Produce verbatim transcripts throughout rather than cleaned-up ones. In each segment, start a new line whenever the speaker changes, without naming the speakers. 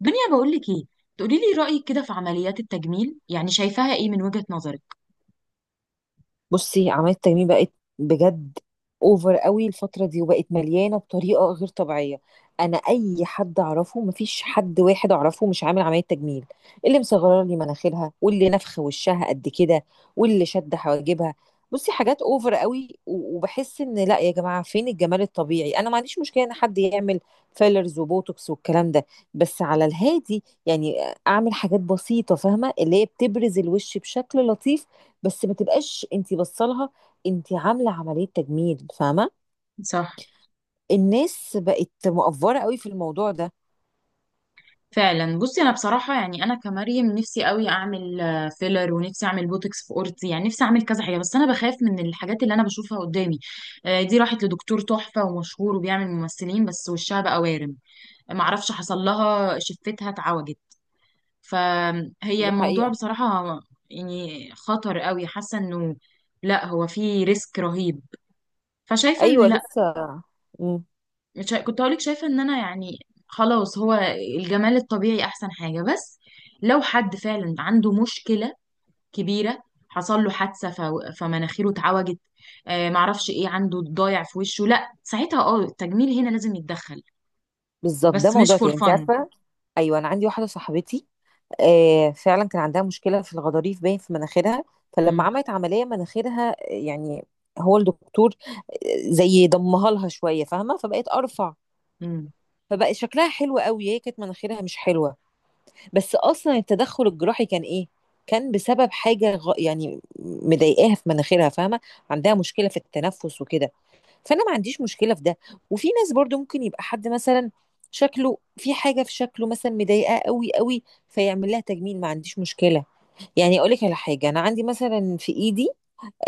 دنيا بقول لك ايه. تقولي لي رأيك كده في عمليات التجميل، يعني شايفاها ايه من وجهة نظرك؟
بصي، عملية التجميل بقت بجد اوفر قوي الفترة دي وبقت مليانة بطريقة غير طبيعية. انا اي حد اعرفه مفيش حد واحد اعرفه مش عامل عملية تجميل. اللي مصغره لي مناخيرها، واللي نفخ وشها قد كده، واللي شد حواجبها. بصي حاجات اوفر قوي و- وبحس ان لا يا جماعة، فين الجمال الطبيعي؟ انا ما عنديش مشكلة ان حد يعمل فيلرز وبوتوكس والكلام ده، بس على الهادي يعني. اعمل حاجات بسيطة فاهمة، اللي هي بتبرز الوش بشكل لطيف. بس ما تبقاش انت بصلها انت عامله عمليه تجميل، فاهمه.
صح،
الناس بقت مقفوره قوي في الموضوع ده.
فعلا. بصي انا بصراحه، يعني انا كمريم نفسي قوي اعمل آه، فيلر، ونفسي اعمل بوتوكس في قورتي، يعني نفسي اعمل كذا حاجه، بس انا بخاف من الحاجات اللي انا بشوفها قدامي. آه، دي راحت لدكتور تحفه ومشهور وبيعمل ممثلين، بس وشها بقى وارم. معرفش حصل لها، شفتها اتعوجت. فهي
دي
موضوع
حقيقه.
بصراحه يعني خطر قوي، حاسه انه لا، هو فيه ريسك رهيب. فشايفه
ايوه
ان لا.
لسه. مم.
مش كنت هقولك شايفة ان انا يعني خلاص، هو الجمال الطبيعي احسن حاجة. بس لو حد فعلا عنده مشكلة كبيرة، حصل له حادثة ف- فمناخيره اتعوجت، آه معرفش ايه، عنده ضايع في وشه، لا ساعتها اه التجميل هنا لازم يتدخل.
بالظبط، ده
بس مش
موضوع
فور
تاني، انت
فن.
عارفه. ايوه انا عندي واحده صاحبتي، آه فعلا كان عندها مشكله في الغضاريف باين في مناخيرها. فلما
امم
عملت عمليه مناخيرها، آه، يعني هو الدكتور آه، زي ضمها لها شويه فاهمه، فبقت ارفع.
امم
فبقى شكلها حلو قوي، هي كانت مناخيرها مش حلوه. بس اصلا التدخل الجراحي كان ايه؟ كان بسبب حاجه غ... يعني مضايقاها في مناخيرها، فاهمه. عندها مشكله في التنفس وكده. فانا ما عنديش مشكله في ده. وفي ناس برضو ممكن يبقى حد مثلا شكله، في حاجه في شكله مثلا مضايقاه قوي قوي، فيعمل لها تجميل، ما عنديش مشكله. يعني اقول لك على حاجه، انا عندي مثلا في ايدي،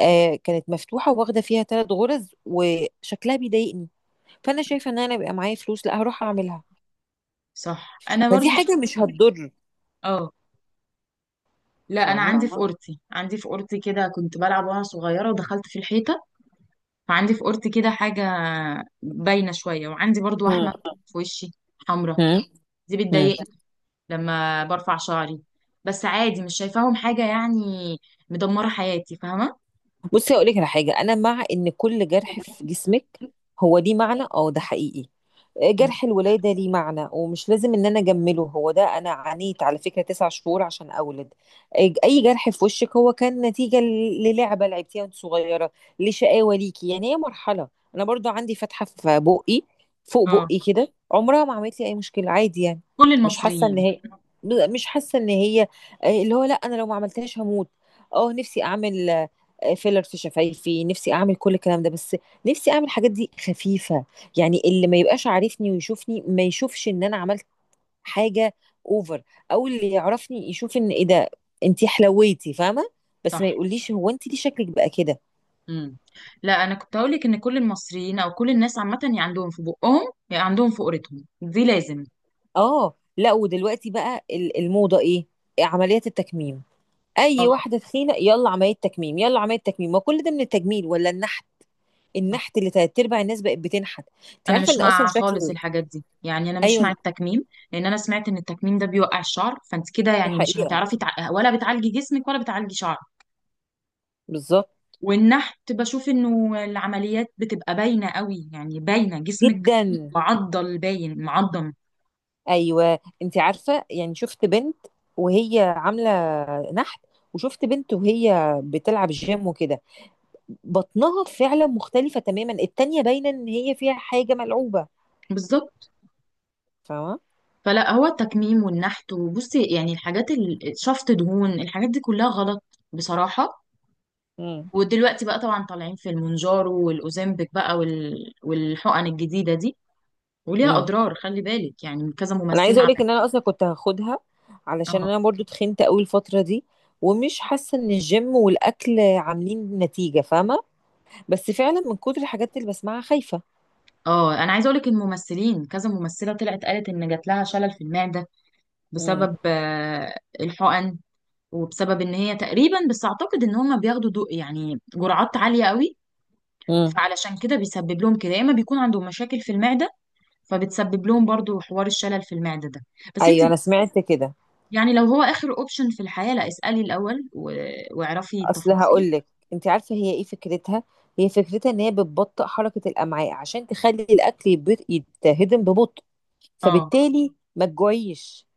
آه كانت مفتوحه واخده فيها ثلاث غرز وشكلها بيضايقني. فانا شايفه ان انا بيبقى معايا فلوس لا هروح اعملها.
صح. انا
فدي
برضو
حاجه
شايفة.
مش هتضر،
اه. لا انا
فاهمه.
عندي في، فاهمة اوضتي، عندي في اوضتي كده، كنت بلعب وانا صغيرة ودخلت في الحيطة، فعندي في اوضتي كده حاجة باينة شوية. وعندي برضو
مم.
وحمة في وشي حمرا، دي
مم.
بتضايقني لما برفع شعري. بس عادي، مش شايفاهم حاجة يعني مدمرة حياتي، فاهمة؟
بصي هقول لك على حاجه، انا مع ان كل جرح في جسمك هو ليه معنى، اه ده حقيقي. آه،
مم.
جرح الولاده ليه معنى، ومش لازم ان انا اجمله. هو ده، انا عانيت على فكره تسع شهور عشان اولد. آه، اي جرح في وشك هو كان نتيجه ل- للعبه لعبتيها وانت صغيره، لشقاوه ليكي. يعني هي مرحله. انا برضو عندي فتحه في بقي، فوق
اه.
بقي كده، عمرها ما عملت لي اي مشكله عادي يعني.
كل
مش حاسه ان
المصريين.
هي مش حاسه ان هي آه، اللي هو لا، انا لو ما عملتهاش هموت. اه نفسي اعمل فيلر في شفايفي، نفسي اعمل كل الكلام ده، بس نفسي اعمل الحاجات دي خفيفه، يعني اللي ما يبقاش عارفني ويشوفني ما يشوفش ان انا عملت حاجه اوفر. او اللي يعرفني يشوف ان ايه ده، انتي حلويتي، فاهمه. بس
صح.
ما يقوليش هو انتي ليه شكلك بقى كده.
مم. لا انا كنت هقولك ان كل المصريين او كل الناس عامة، يا عندهم في بقهم يا عندهم في قرتهم دي لازم.
اه. لا ودلوقتي بقى ال- الموضه ايه؟ عمليات التكميم. اي
اه.
واحده تخينه، يلا عمليه تكميم يلا عمليه تكميم. ما كل ده من التجميل، ولا النحت؟
صح،
النحت اللي تلات ارباع الناس بقت بتنحت. انت
انا
عارفه
مش
ان اصلا
مع
شكل.
خالص الحاجات دي، يعني انا مش مع
ايوه
التكميم، لان انا سمعت ان التكميم ده بيوقع الشعر، فانت كده
دي
يعني مش
حقيقه.
هتعرفي تع... ولا بتعالجي جسمك ولا بتعالجي شعرك.
بالظبط
والنحت بشوف انه العمليات بتبقى باينة قوي، يعني باينة جسمك
جدا.
معضل، باين معضم.
ايوه انت عارفه، يعني شفت بنت وهي عامله نحت، وشفت بنت وهي بتلعب جيم وكده، بطنها فعلا مختلفه تماما. التانيه باينه ان هي فيها حاجه ملعوبه،
بالظبط.
فاهمه.
فلا، هو التكميم والنحت وبصي يعني الحاجات ال- شفط دهون، الحاجات دي كلها غلط بصراحة.
امم.
ودلوقتي بقى طبعا طالعين في المونجارو والاوزempic بقى وال... والحقن الجديدة دي، وليها
امم.
اضرار، خلي بالك يعني كذا
انا عايزه
ممثلة
اقول لك ان انا
عملت.
اصلا كنت هاخدها، علشان
اه.
انا برضو تخنت قوي الفتره دي، ومش حاسه ان الجيم والاكل عاملين نتيجه، فاهمه. بس فعلا من كتر الحاجات اللي بسمعها خايفه.
اه، انا عايزه اقول لك الممثلين، كذا ممثله طلعت قالت ان جات لها شلل في المعده،
امم.
بسبب آه، الحقن، وبسبب ان هي تقريبا، بس اعتقد ان هم بياخدوا دو يعني جرعات عاليه قوي.
امم.
فعلشان كده بيسبب لهم كده، يا اما بيكون عندهم مشاكل في المعده، فبتسبب لهم برضو حوار الشلل في المعده ده. بس انت
ايوه انا سمعت كده.
يعني لو هو اخر اوبشن في الحياه، لا اسالي الاول و... واعرفي
اصل
التفاصيل.
هقول لك، انت عارفه هي ايه فكرتها؟ هي فكرتها ان هي بتبطئ حركه الامعاء عشان تخلي الاكل يب- يتهضم ببطء،
اه
فبالتالي ما تجوعيش.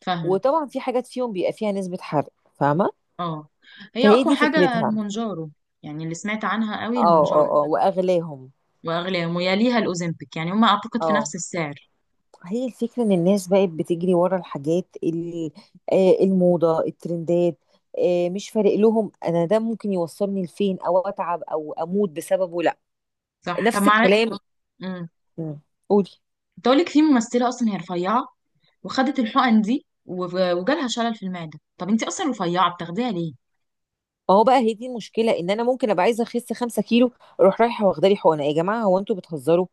فاهمه.
وطبعا في حاجات فيهم بيبقى فيها نسبه حرق، فاهمه.
اه هي
فهي
اقوى
دي
حاجه
فكرتها.
المونجارو، يعني اللي سمعت عنها قوي
اه.
المونجارو.
اه اه، واغلاهم.
واغلى، ويليها الاوزمبيك، يعني هم اعتقد في
اه،
نفس السعر.
هي الفكره ان الناس بقت بتجري ورا الحاجات اللي آه، الموضه، الترندات. آه، مش فارق لهم، انا ده ممكن يوصلني لفين، او اتعب او اموت بسببه، لا.
صح. طب
نفس
مع،
الكلام.
امم،
مم. قولي.
كنت اقول لك في ممثله اصلا هي رفيعه، وخدت الحقن دي و- وجالها شلل في المعدة، طب انت اصلا رفيعة بتاخديها ليه؟
ما هو بقى هي دي المشكله، ان انا ممكن ابقى عايزه اخس 5 كيلو، اروح رايحه واخده لي حقنه. يا جماعه هو انتوا بتهزروا؟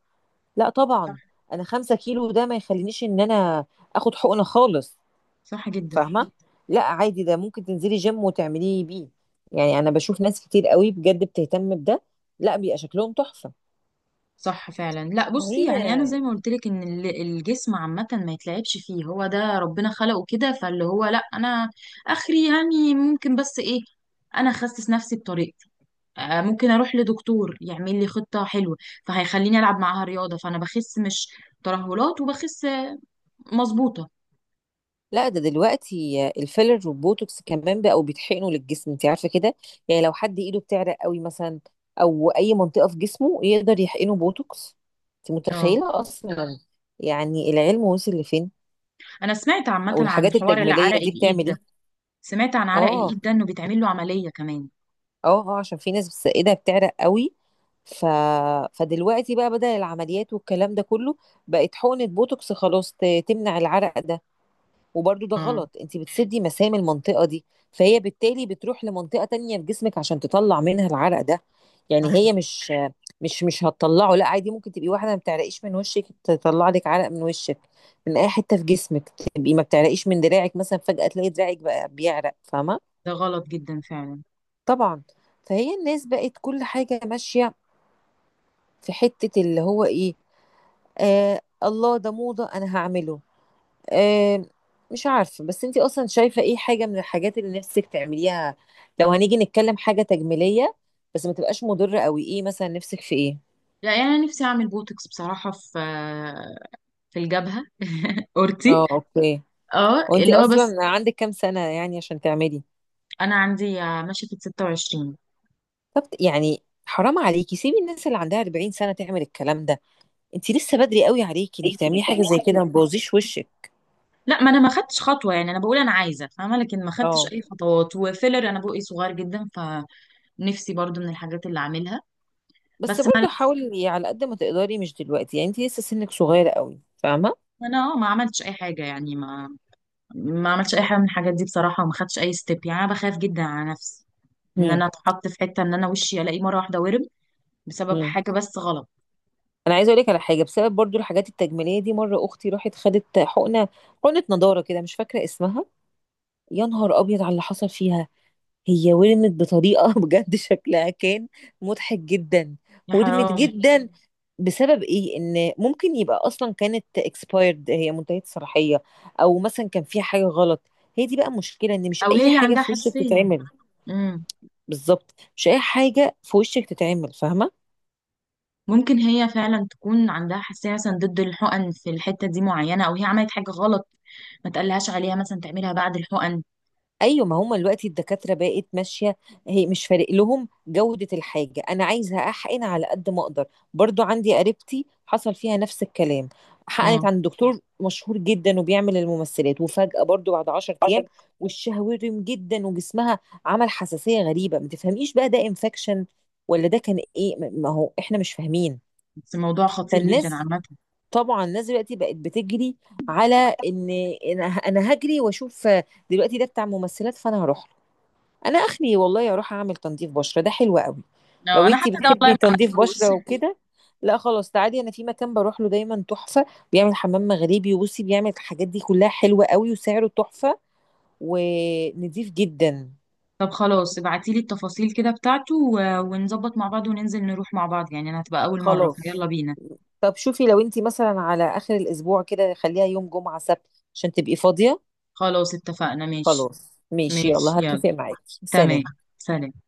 لا طبعا.
صح.
انا 5 كيلو ده ما يخلينيش ان انا اخد حقنه خالص،
صح جدا.
فاهمه. لا عادي، ده ممكن تنزلي جيم وتعمليه بيه. يعني انا بشوف ناس كتير قوي بجد بتهتم بده، لا بيبقى شكلهم تحفه.
صح فعلا. لا بصي، يعني انا
هي.
زي ما قلت لك ان ال- الجسم عامه ما يتلعبش فيه، هو ده ربنا خلقه كده. فاللي هو لا، انا اخري يعني ممكن، بس ايه، انا اخسس نفسي بطريقتي. آه، ممكن اروح لدكتور يعمل لي خطه حلوه، فهيخليني العب معاها رياضه، فانا بخس، مش ترهلات، وبخس آه، مظبوطه.
لا ده دلوقتي الفيلر والبوتوكس كمان بقوا بيتحقنوا للجسم، انت عارفه كده. يعني لو حد ايده بتعرق قوي مثلا، او اي منطقه في جسمه، يقدر يحقنه بوتوكس. انت
اه
متخيله اصلا يعني العلم وصل لفين؟
انا سمعت عامه
او
عن
الحاجات
حوار العرق
التجميليه دي
الايد
بتعمل
ده.
ايه.
سمعت عن عرق
اه.
الايد ده انه بيتعمل له عملية كمان.
اه اه عشان في ناس بس ايدها بتعرق قوي، ف... فدلوقتي بقى بدل العمليات والكلام ده كله، بقت حقنه بوتوكس خلاص ت- تمنع العرق ده. وبرضو ده
اه.
غلط، انت بتسدي مسام المنطقة دي، فهي بالتالي بتروح لمنطقة تانية في جسمك عشان تطلع منها العرق ده. يعني
صح،
هي مش مش مش هتطلعه. لا عادي، ممكن تبقي واحدة ما بتعرقيش من وشك، تطلع لك عرق من وشك، من اي حتة في جسمك. تبقي ما بتعرقيش من دراعك مثلا، فجأة تلاقي دراعك بقى بيعرق، فاهمة.
ده غلط جدا فعلا.
طبعا. فهي الناس بقت كل حاجة ماشية، في حتة اللي هو ايه، آه الله ده موضة انا هعمله. آه، مش عارفة. بس انتي اصلا شايفة ايه حاجة من الحاجات اللي نفسك تعمليها، لو هنيجي نتكلم حاجة تجميلية بس ما تبقاش مضرة قوي؟ ايه مثلا نفسك في ايه؟
لا يعني انا نفسي اعمل بوتوكس بصراحة في، في الجبهة، اورتي.
اه اوكي.
اه
وانتي
اللي هو بس.
اصلا عندك كام سنة يعني عشان تعملي؟
انا عندي ماشية في ستة وعشرين.
طب يعني حرام عليكي، سيبي الناس اللي عندها 40 سنة تعمل الكلام ده. انتي لسه بدري قوي عليكي انك
ليكي انك
تعملي حاجة زي
تعمليها.
كده، ما تبوظيش وشك.
لا ما انا ما خدتش خطوه، يعني انا بقول انا عايزه، فاهمه، لكن ما خدتش
اه.
اي خطوات. وفيلر انا بقي صغير جدا، فنفسي برضو من الحاجات اللي اعملها.
بس
بس ما
برضه حاولي على قد ما تقدري مش دلوقتي، يعني انتي لسه سنك صغير قوي، فاهمة.
انا آه، ما عملتش اي حاجه يعني ما ما عملتش اي حاجه من الحاجات دي بصراحه، وما خدتش اي ستيب. يعني انا بخاف جدا على نفسي ان انا اتحط في حته ان انا وشي الاقيه مره واحده ورم، بسبب
امم.
حاجه بس غلط.
انا عايزه اقول لك على حاجه، بسبب برضو الحاجات التجميليه دي، مره اختي راحت خدت حقنه، حقنه نضاره كده مش فاكره اسمها. يا نهار ابيض على اللي حصل فيها، هي ورمت بطريقه بجد شكلها كان مضحك جدا.
يا
ورمت
حرام.
جدا. بسبب ايه؟ ان ممكن يبقى اصلا كانت اكسبايرد، هي منتهيه الصلاحيه، او مثلا كان فيها حاجه غلط. هي دي بقى مشكله، ان مش
او
اي
هي
حاجه
عندها
في وشك
حساسيه.
تتعمل.
امم.
بالظبط، مش اي حاجه في وشك تتعمل، فاهمه.
ممكن هي فعلا تكون عندها حساسيه مثلا ضد الحقن في الحته دي معينه، او هي عملت حاجه غلط ما تقلهاش عليها مثلا تعملها بعد الحقن.
ايوه، ما هم دلوقتي الدكاتره بقت ماشيه. هي مش فارق لهم جوده الحاجه، انا عايزه احقن على قد ما اقدر. برضو عندي قريبتي حصل فيها نفس الكلام، حقنت
اه
عند دكتور مشهور جدا وبيعمل الممثلات، وفجاه برضو بعد 10 ايام
عشان.
وشها ورم جدا وجسمها عمل حساسيه غريبه. ما تفهميش بقى ده انفكشن ولا ده كان ايه، ما هو احنا مش فاهمين.
بس الموضوع خطير جدا
فالناس،
عامه.
طبعا الناس دلوقتي بقت بتجري على، ان، إن انا هجري واشوف دلوقتي ده بتاع ممثلات فانا هروح. انا اخلي والله اروح اعمل تنظيف بشره ده حلو قوي.
لا،
لو
انا
انتي
حتى ده والله
بتحبي
ما
تنظيف
عملتهوش.
بشره وكده، لا خلاص تعالي، انا في مكان بروح له دايما تحفه، بيعمل حمام مغربي، وبصي بيعمل الحاجات دي كلها حلوه قوي، وسعره تحفه، ونضيف جدا.
طب خلاص ابعتيلي التفاصيل كده بتاعته و- ونظبط مع بعض، وننزل نروح مع بعض، يعني انا هتبقى اول مره
خلاص.
فيلا بينا.
طب شوفي لو انتي مثلا على اخر الاسبوع كده، خليها يوم جمعه سبت عشان تبقي فاضيه.
خلاص اتفقنا، ماشي.
خلاص ماشي
ماشي
يلا،
يلا.
هتفق معاكي،
تمام.
سلام.
سلام.